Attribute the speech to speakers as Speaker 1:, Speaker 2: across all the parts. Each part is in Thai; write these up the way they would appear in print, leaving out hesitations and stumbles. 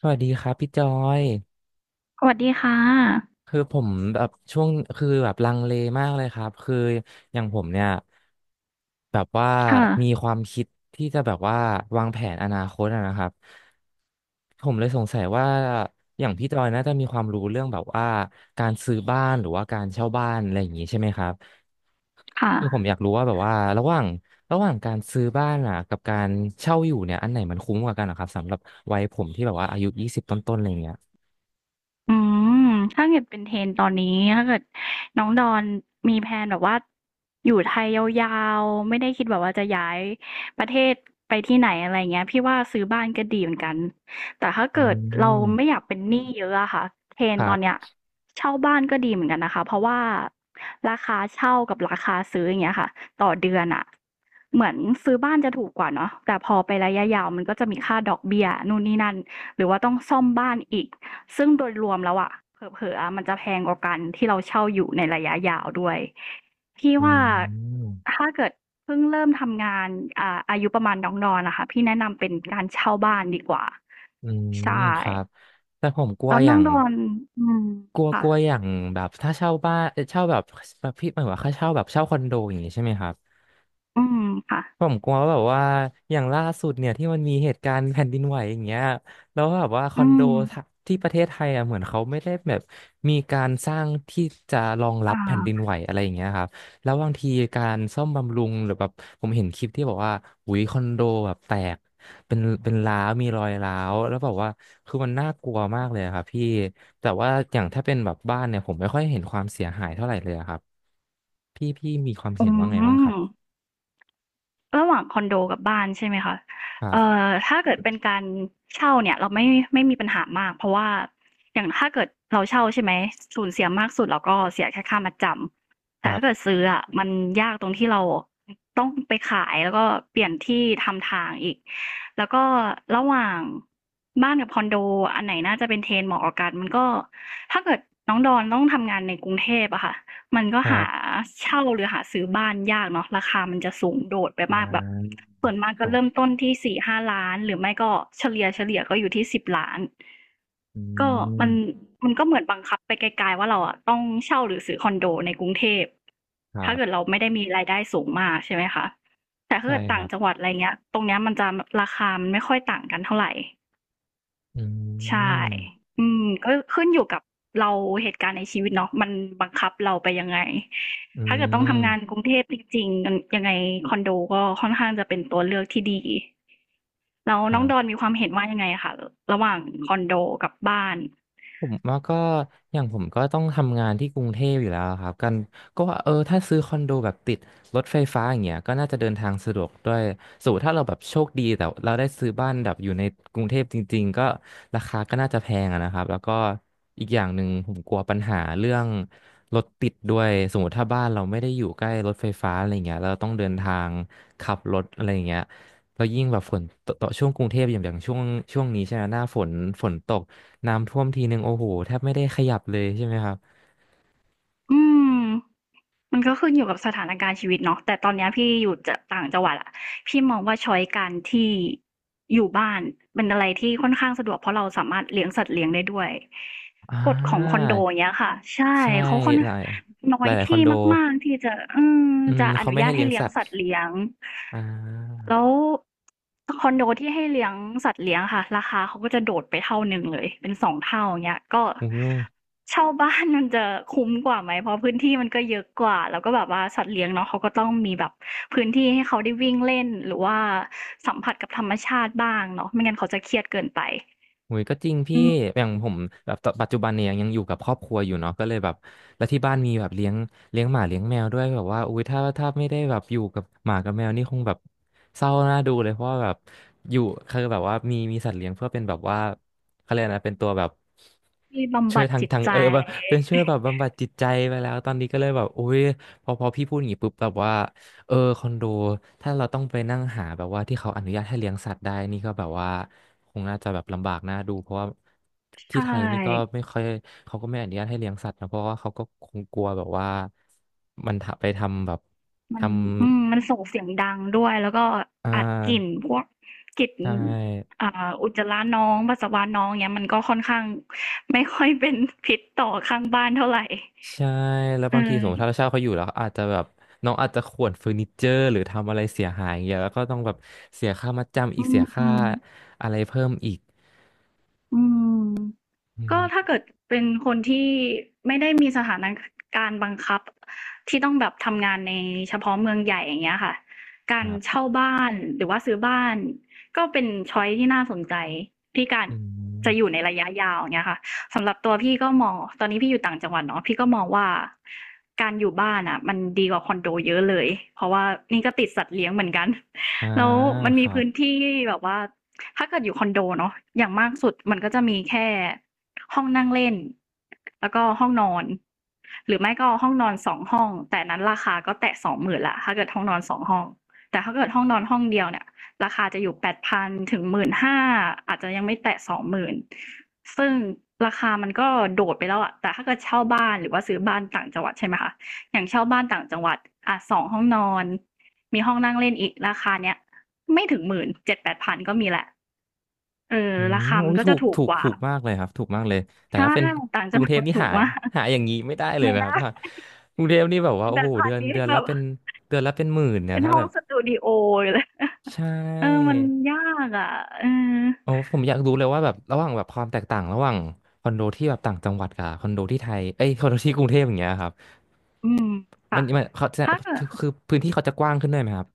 Speaker 1: สวัสดีครับพี่จอย
Speaker 2: สวัสดีค่ะ
Speaker 1: คือผมแบบช่วงคือแบบลังเลมากเลยครับคืออย่างผมเนี่ยแบบว่า
Speaker 2: ค่ะ
Speaker 1: มีความคิดที่จะแบบว่าวางแผนอนาคตอะนะครับผมเลยสงสัยว่าอย่างพี่จอยน่าจะมีความรู้เรื่องแบบว่าการซื้อบ้านหรือว่าการเช่าบ้านอะไรอย่างนี้ใช่ไหมครับ
Speaker 2: ค่ะ
Speaker 1: คือผมอยากรู้ว่าแบบว่าระหว่างการซื้อบ้านอ่ะกับการเช่าอยู่เนี่ยอันไหนมันคุ้มกว่ากันนะครับสำหรับวัยผมที่แบบว่าอายุยี่สิบต้นๆอะไรอย่างเงี้ย
Speaker 2: อืมถ้าเกิดเป็น trend ตอนนี้ถ้าเกิดน้องดอนมีแพลนแบบว่าอยู่ไทยยาวๆไม่ได้คิดแบบว่าจะย้ายประเทศไปที่ไหนอะไรเงี้ยพี่ว่าซื้อบ้านก็ดีเหมือนกันแต่ถ้า
Speaker 1: อื
Speaker 2: เกิดเราไม่
Speaker 1: ม
Speaker 2: อยากเป็นหนี้เยอะอะค่ะ
Speaker 1: ค
Speaker 2: trend
Speaker 1: รั
Speaker 2: ตอนเนี้ย
Speaker 1: บ
Speaker 2: เช่าบ้านก็ดีเหมือนกันนะคะเพราะว่าราคาเช่ากับราคาซื้ออย่างเงี้ยค่ะต่อเดือนอะเหมือนซื้อบ้านจะถูกกว่าเนาะแต่พอไประยะยาวมันก็จะมีค่าดอกเบี้ยนู่นนี่นั่นหรือว่าต้องซ่อมบ้านอีก ซึ่งโดยรวมแล้วอะเผลอๆะมันจะแพงกว่ากันที่เราเช่าอยู่ในระยะยาวด้วยพี่
Speaker 1: อื
Speaker 2: ว่า
Speaker 1: ม
Speaker 2: ถ้าเกิดเพิ่งเริ่มทำงานอายุประมาณน้องดอนนะคะพี่แนะนำเป็นการเช่าบ้านดีกว่า
Speaker 1: อืม
Speaker 2: ใช่
Speaker 1: ครับแต่ผมกลัว
Speaker 2: แล้ว
Speaker 1: อ
Speaker 2: น้
Speaker 1: ย่า
Speaker 2: อง
Speaker 1: ง
Speaker 2: ดอนอืม
Speaker 1: กลัวก
Speaker 2: ค่ะ
Speaker 1: ลัวอย่างแบบถ้าเช่าบ้านเช่าแบบแบบพี่หมายว่าค่าเช่าแบบเช่าคอนโดอย่างนี้ใช่ไหมครับ
Speaker 2: อืมค่ะ
Speaker 1: ผมกลัวว่าแบบว่าอย่างล่าสุดเนี่ยที่มันมีเหตุการณ์แผ่นดินไหวอย่างเงี้ยแล้วแบบว่าคอ
Speaker 2: อื
Speaker 1: นโดทะ
Speaker 2: ม
Speaker 1: ที่ประเทศไทยอ่ะเหมือนเขาไม่ได้แบบมีการสร้างที่จะรองรับ
Speaker 2: อ่า
Speaker 1: แผ่นดินไหวอะไรอย่างเงี้ยครับแล้วบางทีการซ่อมบำรุงหรือแบบผมเห็นคลิปที่บอกว่าอุยคอนโดแบบแตกเป็นร้าวมีรอยร้าวแล้วแบบว่าคือมันน่ากลัวมากเลยอะครับพี่แต่ว่าอย่างถ้าเป็นแบบบ้านเนี่ยผมไม่ค่อยเห็นความเสียหายเท่าไหร่เลยอะครับพี่มีความ
Speaker 2: อื
Speaker 1: เห็นว่าไงบ้างค
Speaker 2: ม
Speaker 1: รับ
Speaker 2: ระหว่างคอนโดกับบ้านใช่ไหมคะ
Speaker 1: ครับ
Speaker 2: ถ้าเกิดเป็นการเช่าเนี่ยเราไม่มีปัญหามากเพราะว่าอย่างถ้าเกิดเราเช่าใช่ไหมสูญเสียมากสุดเราก็เสียแค่ค่ามัดจำ
Speaker 1: ค
Speaker 2: แต่
Speaker 1: รั
Speaker 2: ถ้าเกิด
Speaker 1: บ
Speaker 2: ซื้ออ่ะมันยากตรงที่เราต้องไปขายแล้วก็เปลี่ยนที่ทำทางอีกแล้วก็ระหว่างบ้านกับคอนโดอันไหนน่าจะเป็นเทรนเหมาะกับกันมันก็ถ้าเกิดน้องดอนต้องทำงานในกรุงเทพอะค่ะ มันก็
Speaker 1: ครั
Speaker 2: หา
Speaker 1: บ
Speaker 2: เช่าหรือหาซื้อบ้านยากเนาะราคามันจะสูงโดดไป
Speaker 1: อ่
Speaker 2: มากแบบ
Speaker 1: า
Speaker 2: ส่วนมาก
Speaker 1: ค
Speaker 2: ก็
Speaker 1: รั
Speaker 2: เริ่ม
Speaker 1: บ
Speaker 2: ต้นที่4-5ล้านหรือไม่ก็เฉลี่ยก็อยู่ที่10ล้าน
Speaker 1: อื
Speaker 2: ก็มัน
Speaker 1: ม
Speaker 2: มันก็เหมือนบังคับไปไกลๆว่าเราอะต้องเช่าหรือซื้อคอนโดในกรุงเทพ
Speaker 1: ครั
Speaker 2: ถ้าเกิด
Speaker 1: บ
Speaker 2: เราไม่ได้มีรายได้สูงมากใช่ไหมคะแต่ถ้า
Speaker 1: ใช่
Speaker 2: เกิด
Speaker 1: ค
Speaker 2: ต่า
Speaker 1: รั
Speaker 2: ง
Speaker 1: บ
Speaker 2: จังหวัดอะไรเงี้ยตรงเนี้ยมันจะราคามันไม่ค่อยต่างกันเท่าไร
Speaker 1: อื
Speaker 2: ใช่
Speaker 1: ม
Speaker 2: ก็ขึ้นอยู่กับเราเหตุการณ์ในชีวิตเนาะมันบังคับเราไปยังไง
Speaker 1: อื
Speaker 2: ถ้าเกิดต้องทำงาน
Speaker 1: ม
Speaker 2: กรุงเทพจริงๆมันยังไงคอนโดก็ค่อนข้างจะเป็นตัวเลือกที่ดี แล้ว
Speaker 1: ครั
Speaker 2: น้องดอน
Speaker 1: บ
Speaker 2: มีความเห็นว่ายังไงคะระหว่างคอนโดกับบ้าน
Speaker 1: ผมว่าก็อย่างผมก็ต้องทำงานที่กรุงเทพอยู่แล้วครับกันก็ว่าเออถ้าซื้อคอนโดแบบติดรถไฟฟ้าอย่างเงี้ยก็น่าจะเดินทางสะดวกด้วยสมมุติถ้าเราแบบโชคดีแต่เราได้ซื้อบ้านแบบอยู่ในกรุงเทพจริงๆก็ราคาก็น่าจะแพงอะนะครับแล้วก็อีกอย่างหนึ่งผมกลัวปัญหาเรื่องรถติดด้วยสมมติถ้าบ้านเราไม่ได้อยู่ใกล้รถไฟฟ้าอะไรเงี้ยเราต้องเดินทางขับรถอะไรเงี้ยแล้วยิ่งแบบฝนตกต่อช่วงกรุงเทพอย่างอย่างช่วงนี้ใช่ไหมหน้าฝนฝนตก น้ำท่วมทีหนึ่งโอ้โหแทบไม่ได้ขยับเลยใช่ไหมครับ
Speaker 2: อืมมันก็ขึ้นอยู่กับสถานการณ์ชีวิตเนาะแต่ตอนเนี้ยพี่อยู่จะต่างจังหวัดอะพี่มองว่าช้อยการที่อยู่บ้านเป็นอะไรที่ค่อนข้างสะดวกเพราะเราสามารถเลี้ยงสัตว์เลี้ยงได้ด้วย
Speaker 1: อ่
Speaker 2: กฎของคอน
Speaker 1: า
Speaker 2: โดเนี้ยค่ะใช่
Speaker 1: ใช่
Speaker 2: เขาค่อน
Speaker 1: หลาย
Speaker 2: น้อ
Speaker 1: หลา
Speaker 2: ย
Speaker 1: ยหลายคอน
Speaker 2: ที่
Speaker 1: โด
Speaker 2: มากๆที่จะ
Speaker 1: อืม
Speaker 2: จะอ
Speaker 1: เขา
Speaker 2: นุ
Speaker 1: ไม่
Speaker 2: ญา
Speaker 1: ให้
Speaker 2: ต
Speaker 1: เลี้
Speaker 2: ให้
Speaker 1: ยง
Speaker 2: เลี้ย
Speaker 1: สั
Speaker 2: ง
Speaker 1: ตว์
Speaker 2: สัตว์เลี้ยง
Speaker 1: อ่า
Speaker 2: แล้วคอนโดที่ให้เลี้ยงสัตว์เลี้ยงค่ะราคาเขาก็จะโดดไปเท่าหนึ่งเลยเป็นสองเท่าอย่างเงี้ยก็
Speaker 1: อุ้ย
Speaker 2: เช่าบ้านมันจะคุ้มกว่าไหมเพราะพื้นที่มันก็เยอะกว่าแล้วก็แบบว่าสัตว์เลี้ยงเนาะเขาก็ต้องมีแบบพื้นที่ให้เขาได้วิ่งเล่นหรือว่าสัมผัสกับธรรมชาติบ้างเนาะไม่งั้นเขาจะเครียดเกินไป
Speaker 1: หุยก็จริงพี่
Speaker 2: อืม
Speaker 1: อย่างผมแบบตอนปัจจุบันเนี่ยยังอยู่กับครอบครัวอยู่เนาะก็เลยแบบแล้วที่บ้านมีแบบเลี้ยงเลี้ยงหมาเลี้ยงแมวด้วยแบบว่าอุ้ยถ้าถ้าไม่ได้แบบอยู่กับหมากับแมวนี่คงแบบเศร้าน่าดูเลยเพราะว่าแบบอยู่คือแบบว่ามีมีสัตว์เลี้ยงเพื่อเป็นแบบว่าเขาเรียกอะไรนะเป็นตัวแบบ
Speaker 2: ที่บำ
Speaker 1: ช่ว
Speaker 2: บั
Speaker 1: ย
Speaker 2: ด
Speaker 1: ทาง
Speaker 2: จิต
Speaker 1: ทาง
Speaker 2: ใจ
Speaker 1: แบบเป็นช่วยแบบบำบัดจิตใจไปแล้วตอนนี้ก็เลยแบบอุ้ยพอพอพี่พูดอย่างนี้ปุ๊บแบบว่า เออคอนโดถ้าเราต้องไปนั่งหาแบบว่าที่เขาอนุญาตให้เลี้ยงสัตว์ได้นี่ก็แบบว่าคงน่าจะแบบลำบากน่าดูเพราะว่าที่
Speaker 2: ใช่
Speaker 1: ไทยนี่ก็ไม่ค่อยเขาก็ไม่อนุญาตให้เลี้ยงสัตว์นะเพราะว่าเขาก็คงกลัวแบบว่ามันถ้าไปทำแบบ
Speaker 2: มัน
Speaker 1: ทำ
Speaker 2: มันส่งเสียงดังด้วยแล้วก็
Speaker 1: อ่
Speaker 2: อัดกลิ่น
Speaker 1: า
Speaker 2: พวกกลิ่น
Speaker 1: ใช่
Speaker 2: อ่าอุจจาระน้องปัสสาวะน้องเนี้ยมันก็ค่อนข้างไม่ค่อยเป็น พิษต่อข้างบ้านเท่าไหร่
Speaker 1: ใช่แล้ว
Speaker 2: เออ
Speaker 1: บางทีสมมติถ้าเราเช่าเขาอยู่แล้วอาจจะแบบน้องอาจจะข่วนเฟอร์นิเจอร์หรือทำอะไรเสียหายอย่างเงี้ยแล้วก็ต้องแบบเสียค่ามัดจำอี
Speaker 2: อื
Speaker 1: กเสียค่า
Speaker 2: ม
Speaker 1: อะไรเพิ่มอีก
Speaker 2: อืม
Speaker 1: อื
Speaker 2: ก็
Speaker 1: ม
Speaker 2: ถ้าเกิดเป็นคนที่ไม่ได้มีสถานการณ์บังคับที่ต้องแบบทำงานในเฉพาะเมืองใหญ่อย่างเงี้ยค่ะกา
Speaker 1: ค
Speaker 2: ร
Speaker 1: รับ
Speaker 2: เช่าบ้านหรือว่าซื้อบ้านก็เป็นช้อยซ์ที่น่าสนใจที่การ
Speaker 1: อื
Speaker 2: จะอยู่
Speaker 1: ม
Speaker 2: ในระยะยาวอย่างเงี้ยค่ะสำหรับตัวพี่ก็มองตอนนี้พี่อยู่ต่างจังหวัดเนาะพี่ก็มองว่าการอยู่บ้านน่ะมันดีกว่าคอนโดเยอะเลยเพราะว่านี่ก็ติดสัตว์เลี้ยงเหมือนกัน
Speaker 1: อ่า
Speaker 2: แล้วมัน
Speaker 1: ค
Speaker 2: มี
Speaker 1: รับ
Speaker 2: พื้นที่แบบว่าถ้าเกิดอยู่คอนโดเนาะอย่างมากสุดมันก็จะมีแค่ ห้องนั่งเล่นแล้วก็ห้องนอนหรือไม่ก็ห้องนอนสองห้องแต่นั้นราคาก็แตะสองหมื่นละถ้าเกิดห้องนอนสองห้องแต่ถ้าเกิดห้องนอนห้องเดียวเนี่ยราคา8,000 ถึง 15,000อาจจะยังไม่แตะสองหมื่นซึ่งราคามันก็โดดไปแล้วอะแต่ถ้าเกิดเช่าบ้านหรือว่าซื้อบ้านต่างจังหวัดใช่ไหมคะอย่างเช่าบ้านต่างจังหวัดอ่ะสองห้องนอนมีห้องนั่งเล่นอีกราคาเนี้ยไม่ถึงหมื่นเจ็ดแปดพันก็มีแหละเออ
Speaker 1: อืม
Speaker 2: ราคา
Speaker 1: โอ้
Speaker 2: มัน
Speaker 1: ย
Speaker 2: ก็
Speaker 1: ถู
Speaker 2: จะ
Speaker 1: ก
Speaker 2: ถูก
Speaker 1: ถูก
Speaker 2: กว่า
Speaker 1: ถูกมากเลยครับถูกมากเลยแต่
Speaker 2: ใช่
Speaker 1: ถ้าเป็น
Speaker 2: ต่าง
Speaker 1: ก
Speaker 2: จั
Speaker 1: รุ
Speaker 2: ง
Speaker 1: งเท
Speaker 2: ห
Speaker 1: พ
Speaker 2: วัด
Speaker 1: นี่
Speaker 2: ถู
Speaker 1: หา
Speaker 2: กมาก
Speaker 1: หาอย่างนี้ไม่ได้เลย
Speaker 2: ไม่
Speaker 1: นะครับ
Speaker 2: ได้
Speaker 1: ว่ากรุงเทพนี่แบบว่า
Speaker 2: เป็น
Speaker 1: โอ้
Speaker 2: แบ
Speaker 1: โห
Speaker 2: บพา
Speaker 1: เดือน
Speaker 2: ณิช
Speaker 1: เดือ
Speaker 2: ย์
Speaker 1: น
Speaker 2: แบ
Speaker 1: ละ
Speaker 2: บ
Speaker 1: เป็นเดือนละเป็นหมื่นเนี่ย
Speaker 2: เป็น
Speaker 1: ถ้า
Speaker 2: ห้
Speaker 1: แบ
Speaker 2: อง
Speaker 1: บ
Speaker 2: สตูดีโอเลย
Speaker 1: ใช่
Speaker 2: เออ มันยากอะเออ
Speaker 1: โอ้ผมอยากรู้เลยว่าแบบระหว่างแบบความแตกต่างระหว่างคอนโดที่แบบต่างจังหวัดกับคอนโดที่ไทยเอ้ยคอนโดที่กรุงเทพอย่างเงี้ยครับ
Speaker 2: อืม
Speaker 1: มั
Speaker 2: ค่ะ
Speaker 1: นมันเขาจะ
Speaker 2: ถ้าเกิ
Speaker 1: คื
Speaker 2: ด
Speaker 1: อคือพื้นที่เขาจะกว้างขึ้นด้วยไหมครับ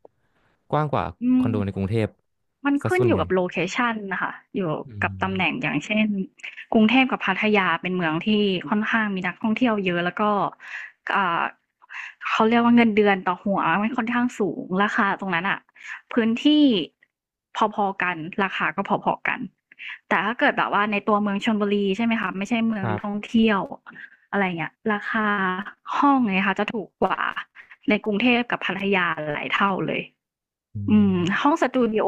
Speaker 1: กว้างกว่า
Speaker 2: อื
Speaker 1: คอนโดในก
Speaker 2: ม
Speaker 1: รุงเทพ
Speaker 2: มัน
Speaker 1: ซะ
Speaker 2: ขึ้น
Speaker 1: ส่วน
Speaker 2: อ
Speaker 1: ให
Speaker 2: ยู่
Speaker 1: ญ่
Speaker 2: กับโลเคชันนะคะอยู่
Speaker 1: อื
Speaker 2: กับ
Speaker 1: ม
Speaker 2: ตำแหน่งอย่างเช่นกรุงเทพกับพัทยาเป็นเมืองที่ค่อนข้างมีนักท่องเที่ยวเยอะแล้วก็อ่าเขาเรียกว่าเงินเดือนต่อหัวมันค่อนข้างสูงราคาตรงนั้นอะพื้นที่พอๆกันราคาก็พอๆกันแต่ถ้าเกิดแบบว่าในตัวเมืองชลบุรีใช่ไหมคะไม่ใช่เมือ
Speaker 1: ค
Speaker 2: ง
Speaker 1: รั
Speaker 2: ท่อ
Speaker 1: บ
Speaker 2: งเที่ยวอะไรเงี้ยราคาห้องเนี่ยค่ะจะถูกกว่าในกรุงเทพกับพัทยาหลายเท่าเลย
Speaker 1: อื
Speaker 2: อืม
Speaker 1: ม
Speaker 2: ห้องสตูดิโอ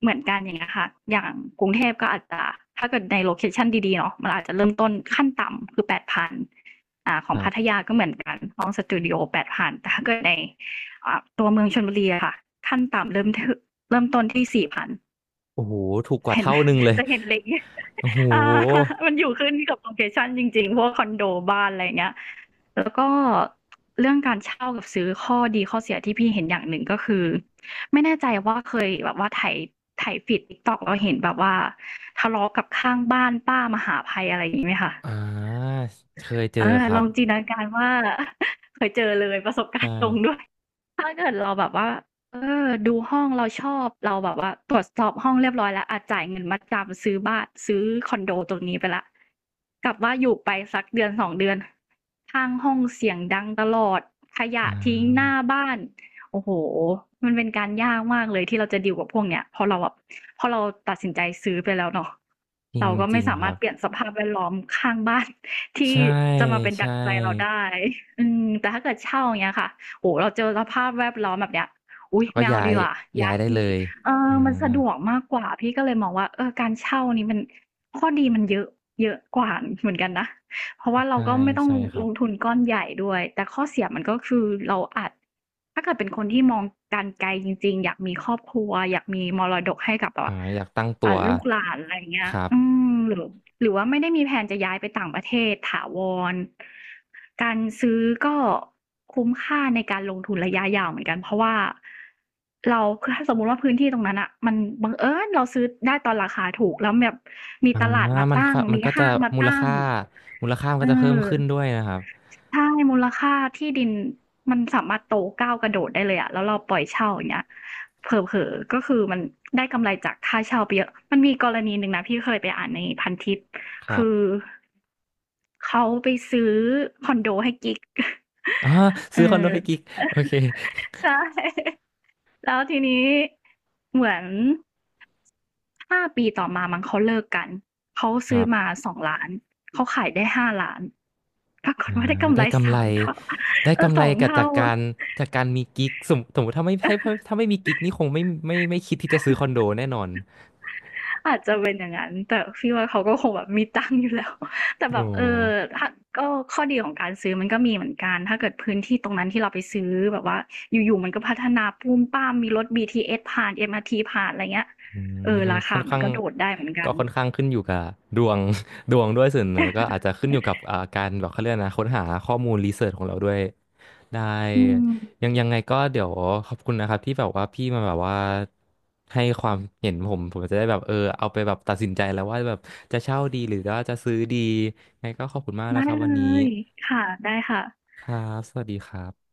Speaker 2: เหมือนกันอย่างเงี้ยค่ะอย่างกรุงเทพก็อาจจะถ้าเกิดในโลเคชันดีๆเนาะมันอาจจะเริ่มต้นขั้นต่ำคือแปดพันข
Speaker 1: ค
Speaker 2: อง
Speaker 1: รั
Speaker 2: พัท
Speaker 1: บ
Speaker 2: ยาก็เหมือนกันห้องสตูดิโอแปดพันแต่ถ้าเกิดในตัวเมืองชลบุรีอะค่ะขั้นต่ำเริ่มที่เริ่มต้นที่สี่พัน
Speaker 1: โอ้โหถูกกว่า
Speaker 2: เห็น
Speaker 1: เท่าหนึ่งเลย
Speaker 2: จะเห็นเล็ก
Speaker 1: โอ้โห
Speaker 2: อ่ามันอยู่ขึ้นกับโลเคชันจริงๆพวกคอนโดบ้านอะไรอย่างเงี้ย แล้วก็เรื่องการเช่ากับซื้อข้อดีข้อเสียที่พี่เห็นอย่างหนึ่งก็คือไม่แน่ใจว่าเคยแบบว่าไถฟีด TikTok แล้วเห็นแบบว่าทะเลาะกับข้างบ้านป้ามหาภัยอะไรอย่างงี้ไหมคะ
Speaker 1: อ่าเคยเจอ
Speaker 2: เออ
Speaker 1: ครั
Speaker 2: ล
Speaker 1: บ
Speaker 2: องจินตนาการว่า เคยเจอเลยประสบกา
Speaker 1: ใช่
Speaker 2: รณ์ตรงด้วย ถ้าเกิดเราแบบว่าเออดูห้องเราชอบเราแบบว่าตรวจสอบห้องเรียบร้อยแล้วอาจ่ายเงินมัดจำซื้อบ้านซื้อคอนโดตรงนี้ไปและกลับว่าอยู่ไปสักเดือนสองเดือนข้างห้องเสียงดังตลอดขยะ
Speaker 1: อ่
Speaker 2: ทิ้งหน้า
Speaker 1: า
Speaker 2: บ้านโอ้โหมันเป็นการยากมากเลยที่เราจะดีลกับพวกเนี้ยพอเราตัดสินใจซื้อไปแล้วเนาะ
Speaker 1: จริง
Speaker 2: เราก็
Speaker 1: จริ
Speaker 2: ไม่
Speaker 1: ง
Speaker 2: สา
Speaker 1: ค
Speaker 2: มาร
Speaker 1: รั
Speaker 2: ถ
Speaker 1: บ
Speaker 2: เปลี่ยนสภาพแวดล้อมข้างบ้าน ที่
Speaker 1: ใช่
Speaker 2: จะมาเป็น
Speaker 1: ใช่
Speaker 2: ดั่งใจเราได้อืมแต่ถ้าเกิดเช่าอย่างเงี้ยค่ะ โอ้เราเจอสภาพแวดล้อมแบบเนี้ยอุ๊ย
Speaker 1: ก็
Speaker 2: ไม่เอา
Speaker 1: ย้า
Speaker 2: ดี
Speaker 1: ย
Speaker 2: กว่า
Speaker 1: ย้า
Speaker 2: ย้า
Speaker 1: ย
Speaker 2: ย
Speaker 1: ได้เล
Speaker 2: ที่
Speaker 1: ย
Speaker 2: เออ
Speaker 1: อ่า
Speaker 2: มันสะดวกมากกว่า พี่ก็เลยมองว่าเออการเช่านี่มันข้อดีมันเยอะเยอะกว่าเหมือนกันนะ เพราะว่าเรา
Speaker 1: ใช่
Speaker 2: ก็ไม่ต้อง
Speaker 1: ใช่ครั
Speaker 2: ล
Speaker 1: บ
Speaker 2: งทุนก้อนใหญ่ด้วย แต่ข้อเสียมันก็คือเราอาจถ้าเกิดเป็นคนที่มองการไกลจริงๆ อยากมีครอบครัวอยากมีมรดกให้กับแบ
Speaker 1: อ่า
Speaker 2: บ
Speaker 1: อยากตั้งตัว
Speaker 2: ลูกหลานอะไรอย่างเงี้ย
Speaker 1: ครับ
Speaker 2: อืมหรือว่าไม่ได้มีแพลนจะย้ายไปต่างประเทศ ถาวร การซื้อก็คุ้มค่าในการลงทุนระยะยาวเหมือนกัน เพราะว่าเรา คือถ้าสมมุติว่าพื้นที่ตรงนั้นน่ะมันบังเอิญเราซื้อได้ตอนราคาถูกแล้วแบบมี
Speaker 1: อ่า
Speaker 2: ตลาดมา
Speaker 1: มัน
Speaker 2: ตั้
Speaker 1: ก็
Speaker 2: ง
Speaker 1: มัน
Speaker 2: มี
Speaker 1: ก็จะ
Speaker 2: ห้างมา
Speaker 1: มูล
Speaker 2: ตั้ง
Speaker 1: ค่ามูลค่ามัน
Speaker 2: อื
Speaker 1: ก็จะเพิ่
Speaker 2: ม
Speaker 1: มขึ้นด้วยนะครับ
Speaker 2: ใช่ มูลค่าที่ดินมันสามารถโตก้าวกระโดดได้เลยอะแล้วเราปล่อยเช่าอย่างเงี้ยเผลอๆ ก็คือมันได้กำไรจากค่าเช่าไปเยอะมันมีกรณีหนึ่งนะพี่เคยไปอ่านในพันทิป
Speaker 1: ครั
Speaker 2: คือ
Speaker 1: บ
Speaker 2: เขาไปซื้อคอนโดให้กิ๊ก
Speaker 1: อ่า ซื้อคอนโด
Speaker 2: เออ
Speaker 1: ให้กิ๊กโอเค
Speaker 2: ใช่ แล้วทีนี้เหมือน 5 ปีต่อมามั้งเขาเลิกกันเขา
Speaker 1: ค
Speaker 2: ซื้
Speaker 1: รั
Speaker 2: อมา
Speaker 1: บ
Speaker 2: 2 ล้านเขาขายได้ 5 ล้านปรากฏ
Speaker 1: อ่
Speaker 2: ว่าได้
Speaker 1: า
Speaker 2: กำไร
Speaker 1: ได้กำไร
Speaker 2: 3 เท่า
Speaker 1: ได้
Speaker 2: เออ
Speaker 1: กำไร
Speaker 2: 2
Speaker 1: กับ
Speaker 2: เท่า
Speaker 1: จากการจากการมีกิ๊กสมสมมติถ้าไม่ให้ถ้าไม่มีกิ๊กนี่คงไม่คิดที่จะซื้อคอนโดแน่นอน
Speaker 2: อาจจะเป็นอย่างนั้นแต่พี่ว่าเขาก็คงแบบมีตังค์อยู่แล้วแต่
Speaker 1: โอ
Speaker 2: แบบเออ
Speaker 1: ้
Speaker 2: ถ้าก็ข้อดีของการซื้อมันก็มีเหมือนกันถ้าเกิดพื้นที่ตรงนั้นที่เราไปซื้อแบบว่าอยู่ๆมันก็พัฒนาปุ้มป้ามมีรถ BTS ผ่าน MRT ผ่านอะไรเงี้ย
Speaker 1: อื
Speaker 2: เออ
Speaker 1: ม
Speaker 2: รา
Speaker 1: ค่อ
Speaker 2: คา
Speaker 1: น
Speaker 2: มั
Speaker 1: ข้า
Speaker 2: น
Speaker 1: ง
Speaker 2: ก็โดดได้เหมือนกั
Speaker 1: ก็
Speaker 2: น
Speaker 1: ค่อนข้างขึ้นอยู่กับดวง ดวงด้วยส่วนหนึ่งแล้วก็อาจจะขึ้นอยู่กับอ่าการแบบเขาเรียกนะค้นหาข้อมูลรีเสิร์ชของเราด้วย ได้
Speaker 2: อืม
Speaker 1: ยังยังไงก็เดี๋ยวขอบคุณนะครับที่แบบว่าพี่มาแบบว่าให้ความเห็นผมจะได้แบบเออเอาไปแบบตัดสินใจแล้วว่าแบบจะเช่าดีหรือว่าจะซื้อดียังไงก็ขอบคุณมากนะ
Speaker 2: ได้
Speaker 1: ครับ
Speaker 2: เล
Speaker 1: วันนี้
Speaker 2: ยค่ะได้ค่ะ
Speaker 1: ครับสวัสดีครับ